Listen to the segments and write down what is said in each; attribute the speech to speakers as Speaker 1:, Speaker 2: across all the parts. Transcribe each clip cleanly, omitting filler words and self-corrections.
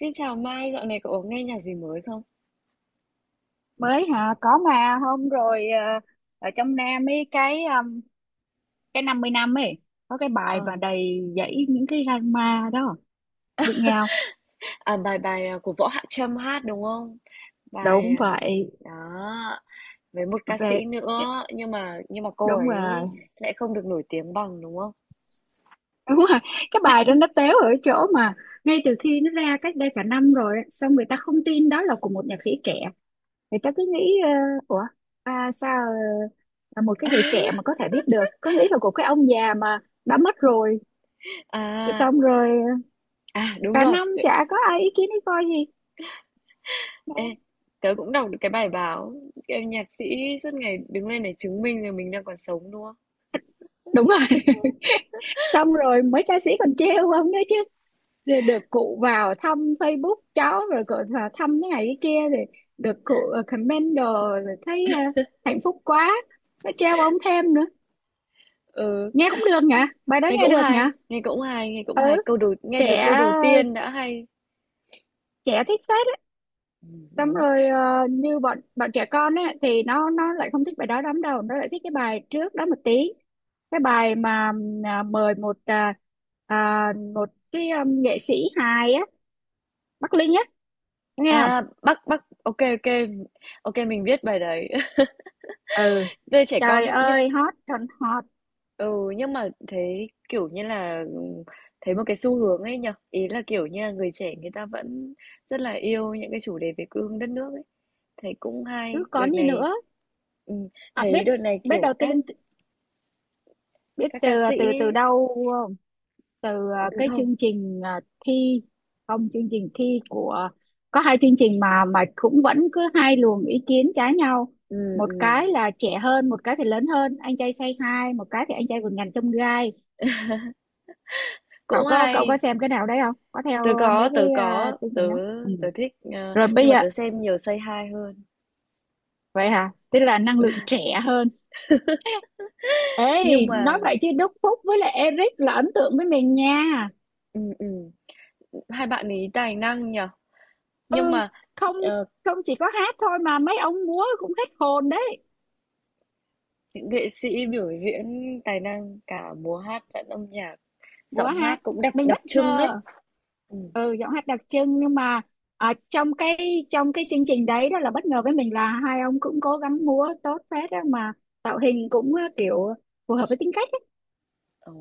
Speaker 1: Xin chào Mai, dạo này cậu có nghe nhạc gì mới không?
Speaker 2: Mới hả có mà hôm rồi ở trong Nam ấy cái 50 năm ấy có cái bài
Speaker 1: Ờ,
Speaker 2: mà đầy dẫy những cái drama đó biết nhau.
Speaker 1: à, bài bài à, của Võ Hạ Trâm hát đúng không? Bài
Speaker 2: Đúng
Speaker 1: à,
Speaker 2: vậy.
Speaker 1: đó với một ca sĩ
Speaker 2: Về
Speaker 1: nữa nhưng mà cô
Speaker 2: đúng rồi.
Speaker 1: ấy lại không được nổi tiếng bằng đúng không?
Speaker 2: Đúng rồi, cái bài đó nó téo ở chỗ mà ngay từ khi nó ra cách đây cả năm rồi á, xong người ta không tin đó là của một nhạc sĩ trẻ, người ta cứ nghĩ ủa, sao là một cái người trẻ mà có thể viết được, cứ nghĩ là của cái ông già mà đã mất rồi. Rồi
Speaker 1: À
Speaker 2: xong rồi
Speaker 1: à, đúng
Speaker 2: cả
Speaker 1: rồi.
Speaker 2: năm chả có ai ý kiến ý coi gì.
Speaker 1: Ê, tớ cũng đọc được cái bài báo em nhạc sĩ suốt ngày đứng lên để chứng minh rằng mình đang còn sống đúng không?
Speaker 2: Đúng rồi. Xong rồi mấy ca sĩ còn trêu ông đấy chứ. Rồi được cụ vào thăm Facebook cháu rồi cụ vào thăm cái này cái kia, rồi được cụ comment đồ, rồi thấy hạnh phúc quá, nó trêu ông thêm nữa.
Speaker 1: Ừ,
Speaker 2: Nghe cũng được nhỉ, bài đó
Speaker 1: nghe
Speaker 2: nghe
Speaker 1: cũng
Speaker 2: được nhỉ.
Speaker 1: hay, nghe cũng hay, nghe cũng
Speaker 2: Ừ,
Speaker 1: hay. Câu đầu nghe từ
Speaker 2: trẻ,
Speaker 1: câu đầu tiên đã hay.
Speaker 2: trẻ thích phết á.
Speaker 1: Ừ,
Speaker 2: Xong
Speaker 1: đúng.
Speaker 2: rồi như bọn bọn trẻ con ấy thì nó lại không thích bài đó lắm đâu, nó lại thích cái bài trước đó một tí, cái bài mà mời một một cái nghệ sĩ hài á, Bắc Linh á, nghe không?
Speaker 1: À, Bắc Bắc, ok ok, ô, mình viết bài đấy.
Speaker 2: Ừ,
Speaker 1: Về trẻ con
Speaker 2: trời
Speaker 1: ấy nhưng
Speaker 2: ơi hot còn hot,
Speaker 1: ừ, nhưng mà thế, kiểu như là, thấy một cái xu hướng ấy nhở? Ý là, kiểu như là, người trẻ người ta vẫn rất là yêu những cái chủ đề về quê hương đất nước ấy. Thấy cũng
Speaker 2: chứ
Speaker 1: hay, đợt
Speaker 2: còn gì
Speaker 1: này
Speaker 2: nữa.
Speaker 1: ừm, thấy
Speaker 2: Biết,
Speaker 1: đợt này,
Speaker 2: biết
Speaker 1: kiểu,
Speaker 2: đầu
Speaker 1: các
Speaker 2: tiên, biết
Speaker 1: các
Speaker 2: từ,
Speaker 1: ca sĩ
Speaker 2: từ
Speaker 1: ấy,
Speaker 2: đâu không? Từ
Speaker 1: ừ,
Speaker 2: cái
Speaker 1: không,
Speaker 2: chương trình thi, không, chương trình thi của, có hai chương trình mà cũng vẫn cứ hai luồng ý kiến trái nhau,
Speaker 1: ừm,
Speaker 2: một
Speaker 1: ừm,
Speaker 2: cái là trẻ hơn, một cái thì lớn hơn, anh trai say hi một cái thì anh trai vượt ngàn chông gai.
Speaker 1: cũng
Speaker 2: Cậu có
Speaker 1: hay.
Speaker 2: xem cái nào đấy không, có
Speaker 1: Tớ
Speaker 2: theo
Speaker 1: có,
Speaker 2: mấy cái
Speaker 1: tớ có,
Speaker 2: chương
Speaker 1: tớ
Speaker 2: trình đó? Ừ.
Speaker 1: tớ thích,
Speaker 2: Rồi bây
Speaker 1: nhưng mà
Speaker 2: giờ
Speaker 1: tớ xem nhiều Say Hi hơn.
Speaker 2: vậy hả, tức là năng lượng trẻ hơn.
Speaker 1: Nhưng
Speaker 2: Ê,
Speaker 1: mà
Speaker 2: nói vậy chứ Đức Phúc với lại Eric là ấn tượng với mình nha.
Speaker 1: ừm, ừm, hai bạn ấy tài năng nhỉ? Nhưng
Speaker 2: Ừ,
Speaker 1: mà
Speaker 2: không,
Speaker 1: ờ,
Speaker 2: không chỉ có hát thôi mà mấy ông múa cũng hết hồn đấy.
Speaker 1: những nghệ sĩ biểu diễn tài năng cả múa hát lẫn âm nhạc,
Speaker 2: Múa
Speaker 1: giọng hát
Speaker 2: hát,
Speaker 1: cũng đặc
Speaker 2: mình
Speaker 1: đặc
Speaker 2: bất
Speaker 1: trưng đấy.
Speaker 2: ngờ.
Speaker 1: Ừ,
Speaker 2: Ừ, giọng hát đặc trưng nhưng mà ở trong cái chương trình đấy đó là bất ngờ với mình, là hai ông cũng cố gắng múa tốt phết đó mà, tạo hình cũng kiểu phù hợp với tính cách ấy.
Speaker 1: ờ,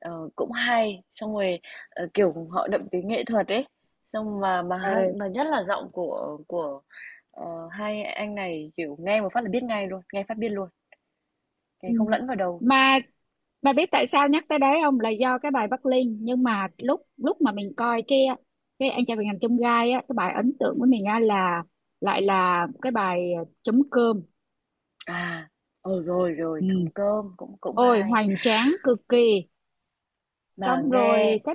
Speaker 1: cũng hay, xong rồi kiểu họ đậm tính nghệ thuật ấy. Xong mà hai-
Speaker 2: Ừ.
Speaker 1: mà nhất là giọng của hai anh này kiểu nghe một phát là biết ngay luôn, nghe phát biết luôn, nghe
Speaker 2: Ừ.
Speaker 1: không lẫn vào đầu.
Speaker 2: Mà bà biết tại sao nhắc tới đấy không? Là do cái bài Bắc Linh, nhưng mà lúc lúc mà mình coi cái anh trai vượt ngàn chông gai á, cái bài ấn tượng của mình á là lại là cái bài chấm cơm.
Speaker 1: À, ờ rồi rồi, Trống
Speaker 2: Ừ.
Speaker 1: Cơm cũng cũng
Speaker 2: Ôi
Speaker 1: hay.
Speaker 2: hoành tráng cực kỳ.
Speaker 1: Mà
Speaker 2: Xong rồi
Speaker 1: nghe
Speaker 2: cái,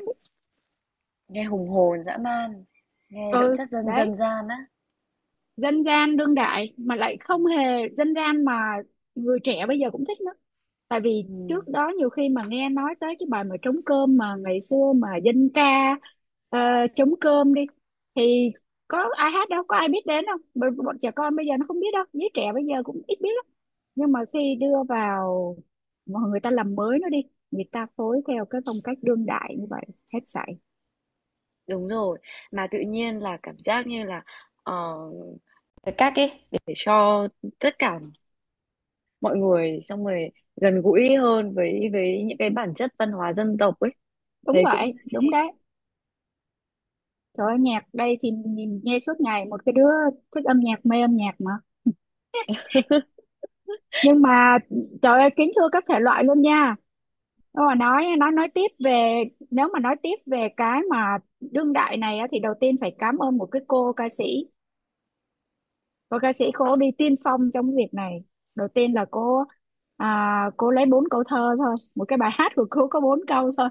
Speaker 1: nghe hùng hồn dã man, nghe đậm
Speaker 2: ừ,
Speaker 1: chất dân
Speaker 2: đấy,
Speaker 1: dân gian á.
Speaker 2: dân gian đương đại mà lại
Speaker 1: Ừ.
Speaker 2: không hề dân gian mà, người trẻ bây giờ cũng thích nữa. Tại vì
Speaker 1: Ừ.
Speaker 2: trước đó nhiều khi mà nghe nói tới cái bài mà trống cơm mà ngày xưa mà dân ca ờ, trống cơm đi thì có ai hát đâu, có ai biết đến đâu, bọn trẻ con bây giờ nó không biết đâu, giới trẻ bây giờ cũng ít biết lắm, nhưng mà khi đưa vào mà người ta làm mới nó đi, người ta phối theo cái phong cách đương đại như vậy, hết sảy.
Speaker 1: Đúng rồi, mà tự nhiên là cảm giác như là, ờ, Cái cách ấy để cho tất cả mọi người xong rồi gần gũi hơn với những cái bản chất văn hóa dân tộc ấy.
Speaker 2: Đúng
Speaker 1: Thấy
Speaker 2: vậy
Speaker 1: cũng
Speaker 2: đúng
Speaker 1: hay.
Speaker 2: đấy. Trời ơi, nhạc đây thì nhìn nghe suốt ngày, một cái đứa thích âm nhạc mê âm nhạc mà, nhưng mà trời ơi kính thưa các thể loại luôn nha. Nếu mà nói tiếp về, nếu mà nói tiếp về cái mà đương đại này á, thì đầu tiên phải cảm ơn một cái cô ca sĩ, cô đi tiên phong trong cái việc này. Đầu tiên là cô, cô lấy bốn câu thơ thôi, một cái bài hát của cô có bốn câu thôi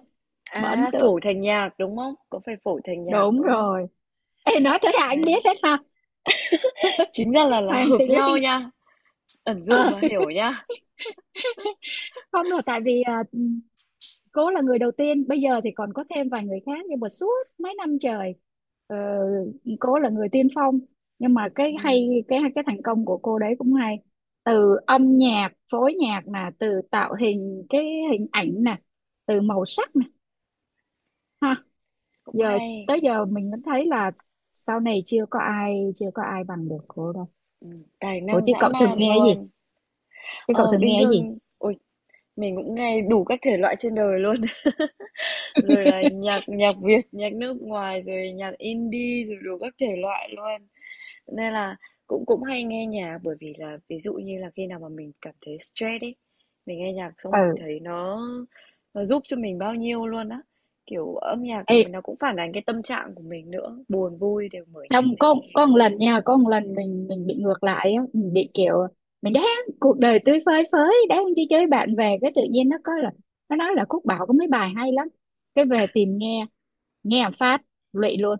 Speaker 2: mà ấn
Speaker 1: À,
Speaker 2: tượng.
Speaker 1: phổi thành nhạc, đúng không? Có phải phổi thành nhạc,
Speaker 2: Đúng
Speaker 1: đúng không?
Speaker 2: rồi. Ê, nói thế là
Speaker 1: À,
Speaker 2: anh biết hết ha.
Speaker 1: chính ra là là
Speaker 2: Hoàng
Speaker 1: hợp
Speaker 2: Thùy
Speaker 1: nhau
Speaker 2: Linh.
Speaker 1: nha, ẩn dụ
Speaker 2: Ờ,
Speaker 1: mà hiểu nha.
Speaker 2: không là tại vì cô là người đầu tiên, bây giờ thì còn có thêm vài người khác, nhưng mà suốt mấy năm trời ờ, cô là người tiên phong, nhưng mà cái
Speaker 1: Ừm,
Speaker 2: hay cái thành công của cô đấy cũng hay, từ âm nhạc phối nhạc nè, từ tạo hình cái hình ảnh nè, từ màu sắc nè ha.
Speaker 1: Cũng
Speaker 2: Giờ
Speaker 1: hay,
Speaker 2: tới giờ mình vẫn thấy là, sau này chưa có ai bằng được cô đâu.
Speaker 1: tài
Speaker 2: Ủa
Speaker 1: năng
Speaker 2: chứ
Speaker 1: dã
Speaker 2: cậu thường
Speaker 1: man
Speaker 2: nghe cái gì,
Speaker 1: luôn.
Speaker 2: chứ cậu
Speaker 1: Ờ,
Speaker 2: thường
Speaker 1: bình
Speaker 2: nghe cái gì
Speaker 1: thường, ôi, mình cũng nghe đủ các thể loại trên đời luôn. Rồi là nhạc nhạc Việt, nhạc nước ngoài, rồi nhạc indie, rồi đủ các thể loại luôn. Nên là cũng cũng hay nghe nhạc bởi vì là ví dụ như là khi nào mà mình cảm thấy stress ấy, mình nghe nhạc xong mình
Speaker 2: ừ.
Speaker 1: thấy nó giúp cho mình bao nhiêu luôn á. Kiểu âm nhạc
Speaker 2: Ê,
Speaker 1: nó cũng phản ánh cái tâm trạng của mình nữa, buồn vui đều mở nhạc
Speaker 2: không,
Speaker 1: lên nghe.
Speaker 2: có một lần nha, có một lần mình bị ngược lại á, mình bị kiểu mình đang cuộc đời tươi phơi phới đang đi chơi bạn về, cái tự nhiên nó có là nó nói là Cúc Bảo có mấy bài hay lắm, cái về tìm nghe, nghe một phát lụy luôn,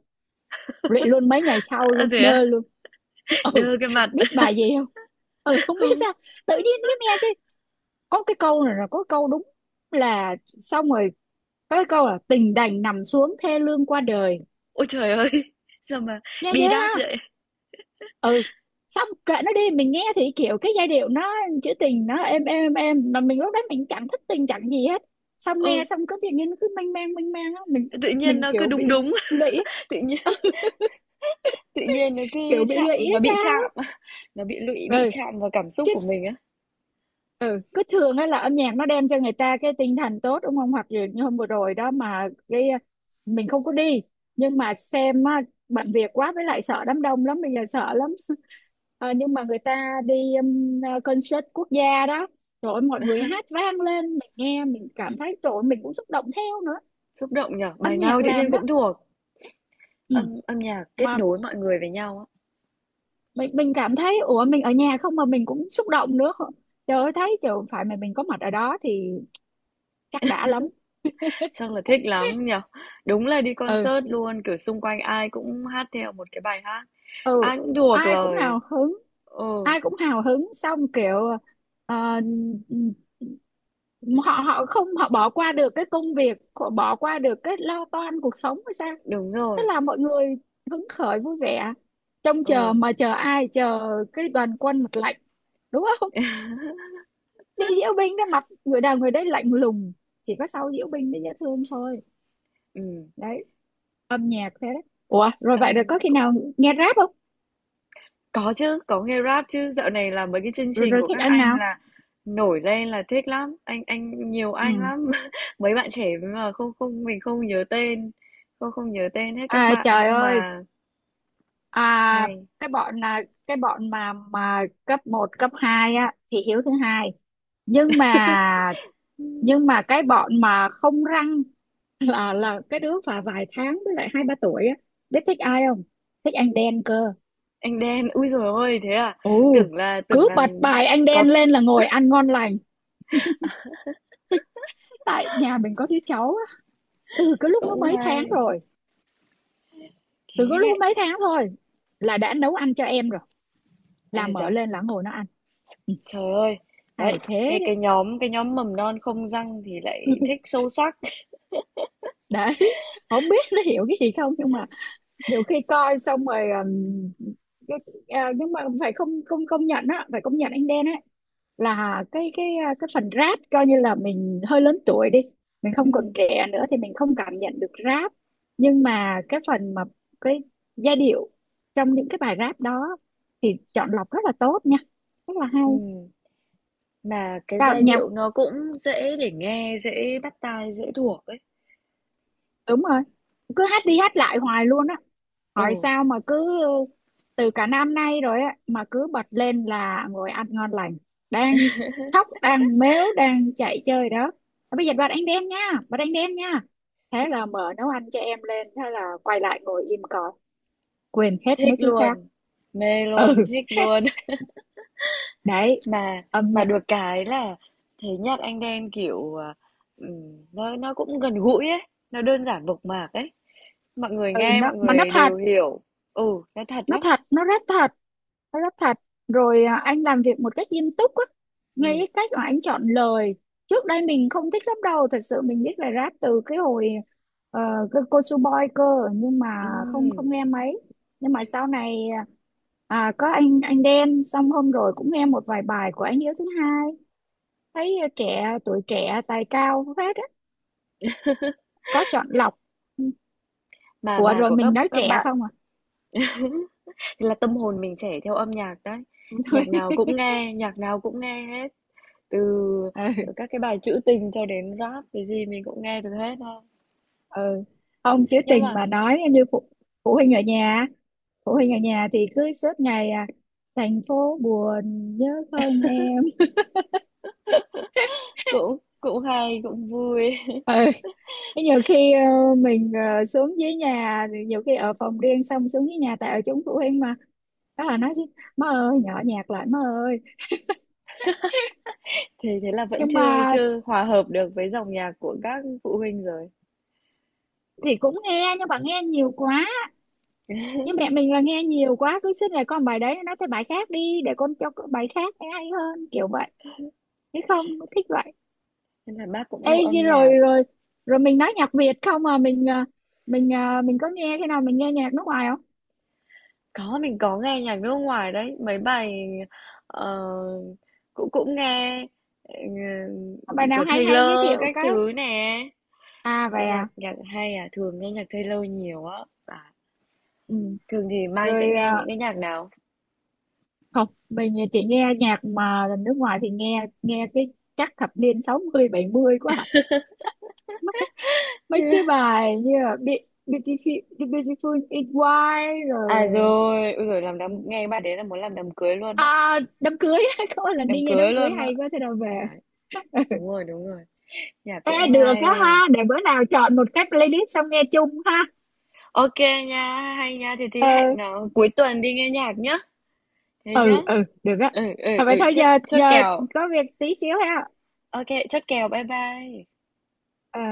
Speaker 2: lụy luôn mấy ngày sau
Speaker 1: À,
Speaker 2: luôn
Speaker 1: thế à?
Speaker 2: đơ luôn. Ừ.
Speaker 1: Đơ cái mặt.
Speaker 2: Biết bài gì không? Ừ không biết
Speaker 1: Không.
Speaker 2: sao, tự nhiên cái nghe cái có cái câu này là có câu đúng là xong rồi có cái câu là tình đành nằm xuống thê lương qua đời.
Speaker 1: Ôi trời ơi. Sao mà
Speaker 2: Nghe
Speaker 1: bi
Speaker 2: ghê
Speaker 1: đát
Speaker 2: ha.
Speaker 1: vậy?
Speaker 2: Ừ, xong kệ nó đi, mình nghe thì kiểu cái giai điệu nó trữ tình nó êm êm êm, mà mình lúc đó mình chẳng thích tình chẳng gì hết, xong nghe
Speaker 1: Ừ,
Speaker 2: xong cứ tự nhiên nó cứ mênh mang á, mình
Speaker 1: tự nhiên
Speaker 2: mình
Speaker 1: nó cứ
Speaker 2: kiểu bị
Speaker 1: đúng đúng,
Speaker 2: lụy.
Speaker 1: tự nhiên Tự nhiên nó cứ
Speaker 2: Kiểu bị
Speaker 1: chạm
Speaker 2: lụy hay
Speaker 1: nó bị
Speaker 2: sao
Speaker 1: chạm, nó bị lụy,
Speaker 2: á.
Speaker 1: bị
Speaker 2: Ừ.
Speaker 1: chạm vào cảm xúc
Speaker 2: Chứ
Speaker 1: của mình á.
Speaker 2: ừ, cứ thường ấy là âm nhạc nó đem cho người ta cái tinh thần tốt đúng không, hoặc như, như hôm vừa rồi đó mà cái mình không có đi nhưng mà xem á, bận việc quá, với lại sợ đám đông lắm bây giờ sợ lắm. Ờ, nhưng mà người ta đi um, concert quốc gia đó, rồi mọi người hát vang lên, mình nghe mình cảm thấy rồi mình cũng xúc động theo nữa,
Speaker 1: Xúc động nhở?
Speaker 2: âm
Speaker 1: Bài nào
Speaker 2: nhạc
Speaker 1: tự nhiên
Speaker 2: làm đó.
Speaker 1: cũng thuộc.
Speaker 2: Ừ.
Speaker 1: Âm âm nhạc kết
Speaker 2: Mà
Speaker 1: nối mọi người với nhau á.
Speaker 2: mình cảm thấy ủa mình ở nhà không mà mình cũng xúc động nữa, trời ơi thấy trời phải mà mình có mặt ở đó thì chắc đã lắm.
Speaker 1: Chắc là thích lắm nhở? Đúng là đi
Speaker 2: Ừ
Speaker 1: concert luôn, kiểu xung quanh ai cũng hát theo một cái bài hát.
Speaker 2: ừ,
Speaker 1: Ai cũng thuộc
Speaker 2: ai cũng
Speaker 1: lời.
Speaker 2: hào hứng,
Speaker 1: Ừ,
Speaker 2: xong kiểu ờ, họ họ không, họ bỏ qua được cái công việc, họ bỏ qua được cái lo toan cuộc sống hay sao,
Speaker 1: đúng
Speaker 2: thế
Speaker 1: rồi.
Speaker 2: là mọi người hứng khởi vui vẻ trông chờ,
Speaker 1: Ừ,
Speaker 2: mà chờ ai, chờ cái đoàn quân mặt lạnh đúng không, đi diễu binh cái mặt người nào người đấy lạnh lùng, chỉ có sau diễu binh mới dễ thương thôi.
Speaker 1: ừm,
Speaker 2: Đấy, âm nhạc thế đấy. Ủa rồi vậy rồi
Speaker 1: âm
Speaker 2: có khi
Speaker 1: cũng
Speaker 2: nào nghe rap không?
Speaker 1: Có chứ, có nghe Rap chứ, dạo này là mấy cái chương
Speaker 2: Rồi
Speaker 1: trình
Speaker 2: rồi,
Speaker 1: của
Speaker 2: thích
Speaker 1: các
Speaker 2: ăn
Speaker 1: anh
Speaker 2: nào.
Speaker 1: là nổi lên là thích lắm, anh nhiều anh
Speaker 2: Ừ,
Speaker 1: lắm. Mấy bạn trẻ mà không không mình không nhớ tên, không không nhớ tên hết các
Speaker 2: à
Speaker 1: bạn
Speaker 2: trời
Speaker 1: nhưng
Speaker 2: ơi.
Speaker 1: mà
Speaker 2: À,
Speaker 1: hay.
Speaker 2: cái bọn là cái bọn mà cấp một cấp 2 á thì Hiếu thứ hai. Nhưng mà, nhưng
Speaker 1: Ừm,
Speaker 2: mà cái bọn mà không răng là cái đứa và vài tháng với lại hai ba tuổi á, biết thích ai không? Thích anh đen cơ.
Speaker 1: Anh Đen, ui dồi ôi thế à?
Speaker 2: Ồ,
Speaker 1: Tưởng là tưởng
Speaker 2: cứ
Speaker 1: là
Speaker 2: bật bài anh
Speaker 1: có
Speaker 2: đen lên là ngồi ăn ngon lành. Tại nhà mình có đứa cháu á, từ cái lúc nó
Speaker 1: cũng
Speaker 2: mấy tháng
Speaker 1: hay.
Speaker 2: rồi, từ
Speaker 1: Thế
Speaker 2: cái
Speaker 1: đấy.
Speaker 2: lúc mấy tháng thôi là đã nấu ăn cho em rồi,
Speaker 1: À
Speaker 2: là mở
Speaker 1: dạ,
Speaker 2: lên là ngồi nó ăn. Ừ,
Speaker 1: trời ơi. Đấy,
Speaker 2: hay thế.
Speaker 1: cái
Speaker 2: Đấy.
Speaker 1: cái nhóm cái nhóm mầm non không răng thì
Speaker 2: Ừ.
Speaker 1: lại thích sâu sắc.
Speaker 2: Đấy, không biết nó hiểu cái gì không nhưng mà nhiều khi coi xong rồi cái, nhưng mà phải, không không công nhận á, phải công nhận anh Đen á, là cái cái phần rap coi như là mình hơi lớn tuổi đi, mình
Speaker 1: Ừ,
Speaker 2: không còn trẻ nữa thì mình không cảm nhận được rap, nhưng mà cái phần mà cái giai điệu trong những cái bài rap đó thì chọn lọc rất là tốt nha, rất là hay.
Speaker 1: ừ. Mà cái
Speaker 2: Cao-
Speaker 1: giai
Speaker 2: nhà
Speaker 1: điệu nó cũng dễ để nghe, dễ bắt tai, dễ thuộc ấy.
Speaker 2: đúng rồi, cứ hát đi hát lại hoài luôn á,
Speaker 1: Ồ
Speaker 2: hỏi sao mà cứ từ cả năm nay rồi á mà cứ bật lên là ngồi ăn ngon lành, đang khóc đang mếu đang chạy chơi đó, "Thôi bây giờ bật ánh đen nha, bật ánh đen nha", thế là mở nấu ăn cho em lên, thế là quay lại ngồi im cỏ, quên hết
Speaker 1: thích
Speaker 2: mấy thứ khác.
Speaker 1: luôn, mê
Speaker 2: Ừ.
Speaker 1: luôn, thích luôn.
Speaker 2: Đấy,
Speaker 1: Mà
Speaker 2: âm
Speaker 1: mà
Speaker 2: nhạc.
Speaker 1: được cái là thấy nhạc Anh Đen, kiểu, à, nó cũng gần gũi ấy, nó đơn giản mộc mạc ấy. Mọi người
Speaker 2: Ừ,
Speaker 1: nghe
Speaker 2: nó
Speaker 1: mọi
Speaker 2: mà nó
Speaker 1: người
Speaker 2: thật,
Speaker 1: đều hiểu. Ừ, nó thật
Speaker 2: nó
Speaker 1: lắm.
Speaker 2: thật, nó rất thật, nó rất thật rồi anh làm việc một cách nghiêm túc á, ngay
Speaker 1: Ừm,
Speaker 2: cái cách mà anh chọn lời. Trước đây mình không thích lắm đâu, thật sự mình biết là rap từ cái hồi ờ, cái cô Su Boy cơ, nhưng mà không,
Speaker 1: ừm.
Speaker 2: không nghe mấy. Nhưng mà sau này có anh Đen, xong hôm rồi cũng nghe một vài bài của anh Hiếu thứ hai, thấy trẻ tuổi trẻ tài cao hết á, có chọn lọc.
Speaker 1: Mà
Speaker 2: Ủa
Speaker 1: bài
Speaker 2: rồi
Speaker 1: của
Speaker 2: mình
Speaker 1: các
Speaker 2: nói
Speaker 1: các
Speaker 2: trẻ
Speaker 1: bạn
Speaker 2: không à?
Speaker 1: thì là tâm hồn mình trẻ theo âm nhạc đấy. Nhạc nào cũng nghe, nhạc nào cũng nghe hết. Từ
Speaker 2: Thôi
Speaker 1: các cái bài trữ tình cho đến Rap, cái gì mình cũng nghe được hết ha.
Speaker 2: ừ, không chứ
Speaker 1: Nhưng
Speaker 2: tình
Speaker 1: mà
Speaker 2: mà nói như phụ, phụ huynh ở nhà phụ huynh ở nhà thì cứ suốt ngày thành phố buồn nhớ không em.
Speaker 1: cũng cũng hay, cũng vui.
Speaker 2: Ừ, thế nhiều khi mình xuống dưới nhà thì nhiều khi ở phòng riêng xong xuống dưới nhà tại ở chúng phụ huynh mà, đó là nói chứ má ơi nhỏ nhạc lại má ơi.
Speaker 1: Thì thế là vẫn
Speaker 2: Nhưng
Speaker 1: chưa
Speaker 2: mà
Speaker 1: chưa hòa hợp được với dòng nhạc của các phụ huynh rồi.
Speaker 2: thì cũng nghe, nhưng mà nghe nhiều quá, nhưng mẹ mình là nghe nhiều quá cứ suốt ngày con bài đấy, nói tới bài khác đi để con cho con bài khác nghe hay hơn kiểu vậy. Thế không thích vậy.
Speaker 1: Nên là bác cũng
Speaker 2: Ê,
Speaker 1: yêu âm
Speaker 2: chứ
Speaker 1: nhạc.
Speaker 2: rồi rồi, rồi mình nói nhạc Việt không à, mình mình mình có nghe, khi nào mình nghe nhạc nước ngoài không?
Speaker 1: Có mình có nghe nhạc nước ngoài đấy, mấy bài ờ, cũng cũng nghe ờ,
Speaker 2: Có bài nào
Speaker 1: của
Speaker 2: hay hay giới
Speaker 1: Taylor
Speaker 2: thiệu
Speaker 1: các
Speaker 2: cái.
Speaker 1: thứ nè.
Speaker 2: À vậy
Speaker 1: Nhạc
Speaker 2: à.
Speaker 1: nhạc hay à, thường nghe nhạc Taylor nhiều á. À,
Speaker 2: Ừ.
Speaker 1: thường thì Mai sẽ
Speaker 2: Rồi
Speaker 1: nghe những cái nhạc nào?
Speaker 2: không mình chỉ nghe nhạc mà nước ngoài thì nghe nghe cái chắc thập niên 60 mươi 70 quá à. Mấy mấy cái bài như là Beautiful, Beautiful in White rồi
Speaker 1: À rồi, ôi giời làm đám nghe bạn đấy là muốn làm đám cưới luôn á,
Speaker 2: đám cưới. Có một lần
Speaker 1: đám
Speaker 2: đi nghe
Speaker 1: cưới
Speaker 2: đám cưới
Speaker 1: luôn á.
Speaker 2: hay quá thế nào về.
Speaker 1: Đấy, đúng rồi, đúng rồi. Nhạc
Speaker 2: Ê,
Speaker 1: cũng
Speaker 2: được
Speaker 1: hay.
Speaker 2: á ha, để bữa nào chọn một cái playlist xong nghe chung ha.
Speaker 1: Ok nha, hay nha. Thì
Speaker 2: Ờ,
Speaker 1: thì hẹn nó cuối tuần đi nghe nhạc nhá. Thế nhá.
Speaker 2: ừ ừ, được á.
Speaker 1: Ừ ừ
Speaker 2: Thôi
Speaker 1: ừ,
Speaker 2: vậy thôi giờ,
Speaker 1: chốt chốt
Speaker 2: giờ
Speaker 1: kèo.
Speaker 2: có việc tí xíu ha.
Speaker 1: Ok, chốt kèo. Bye bye.
Speaker 2: Ờ.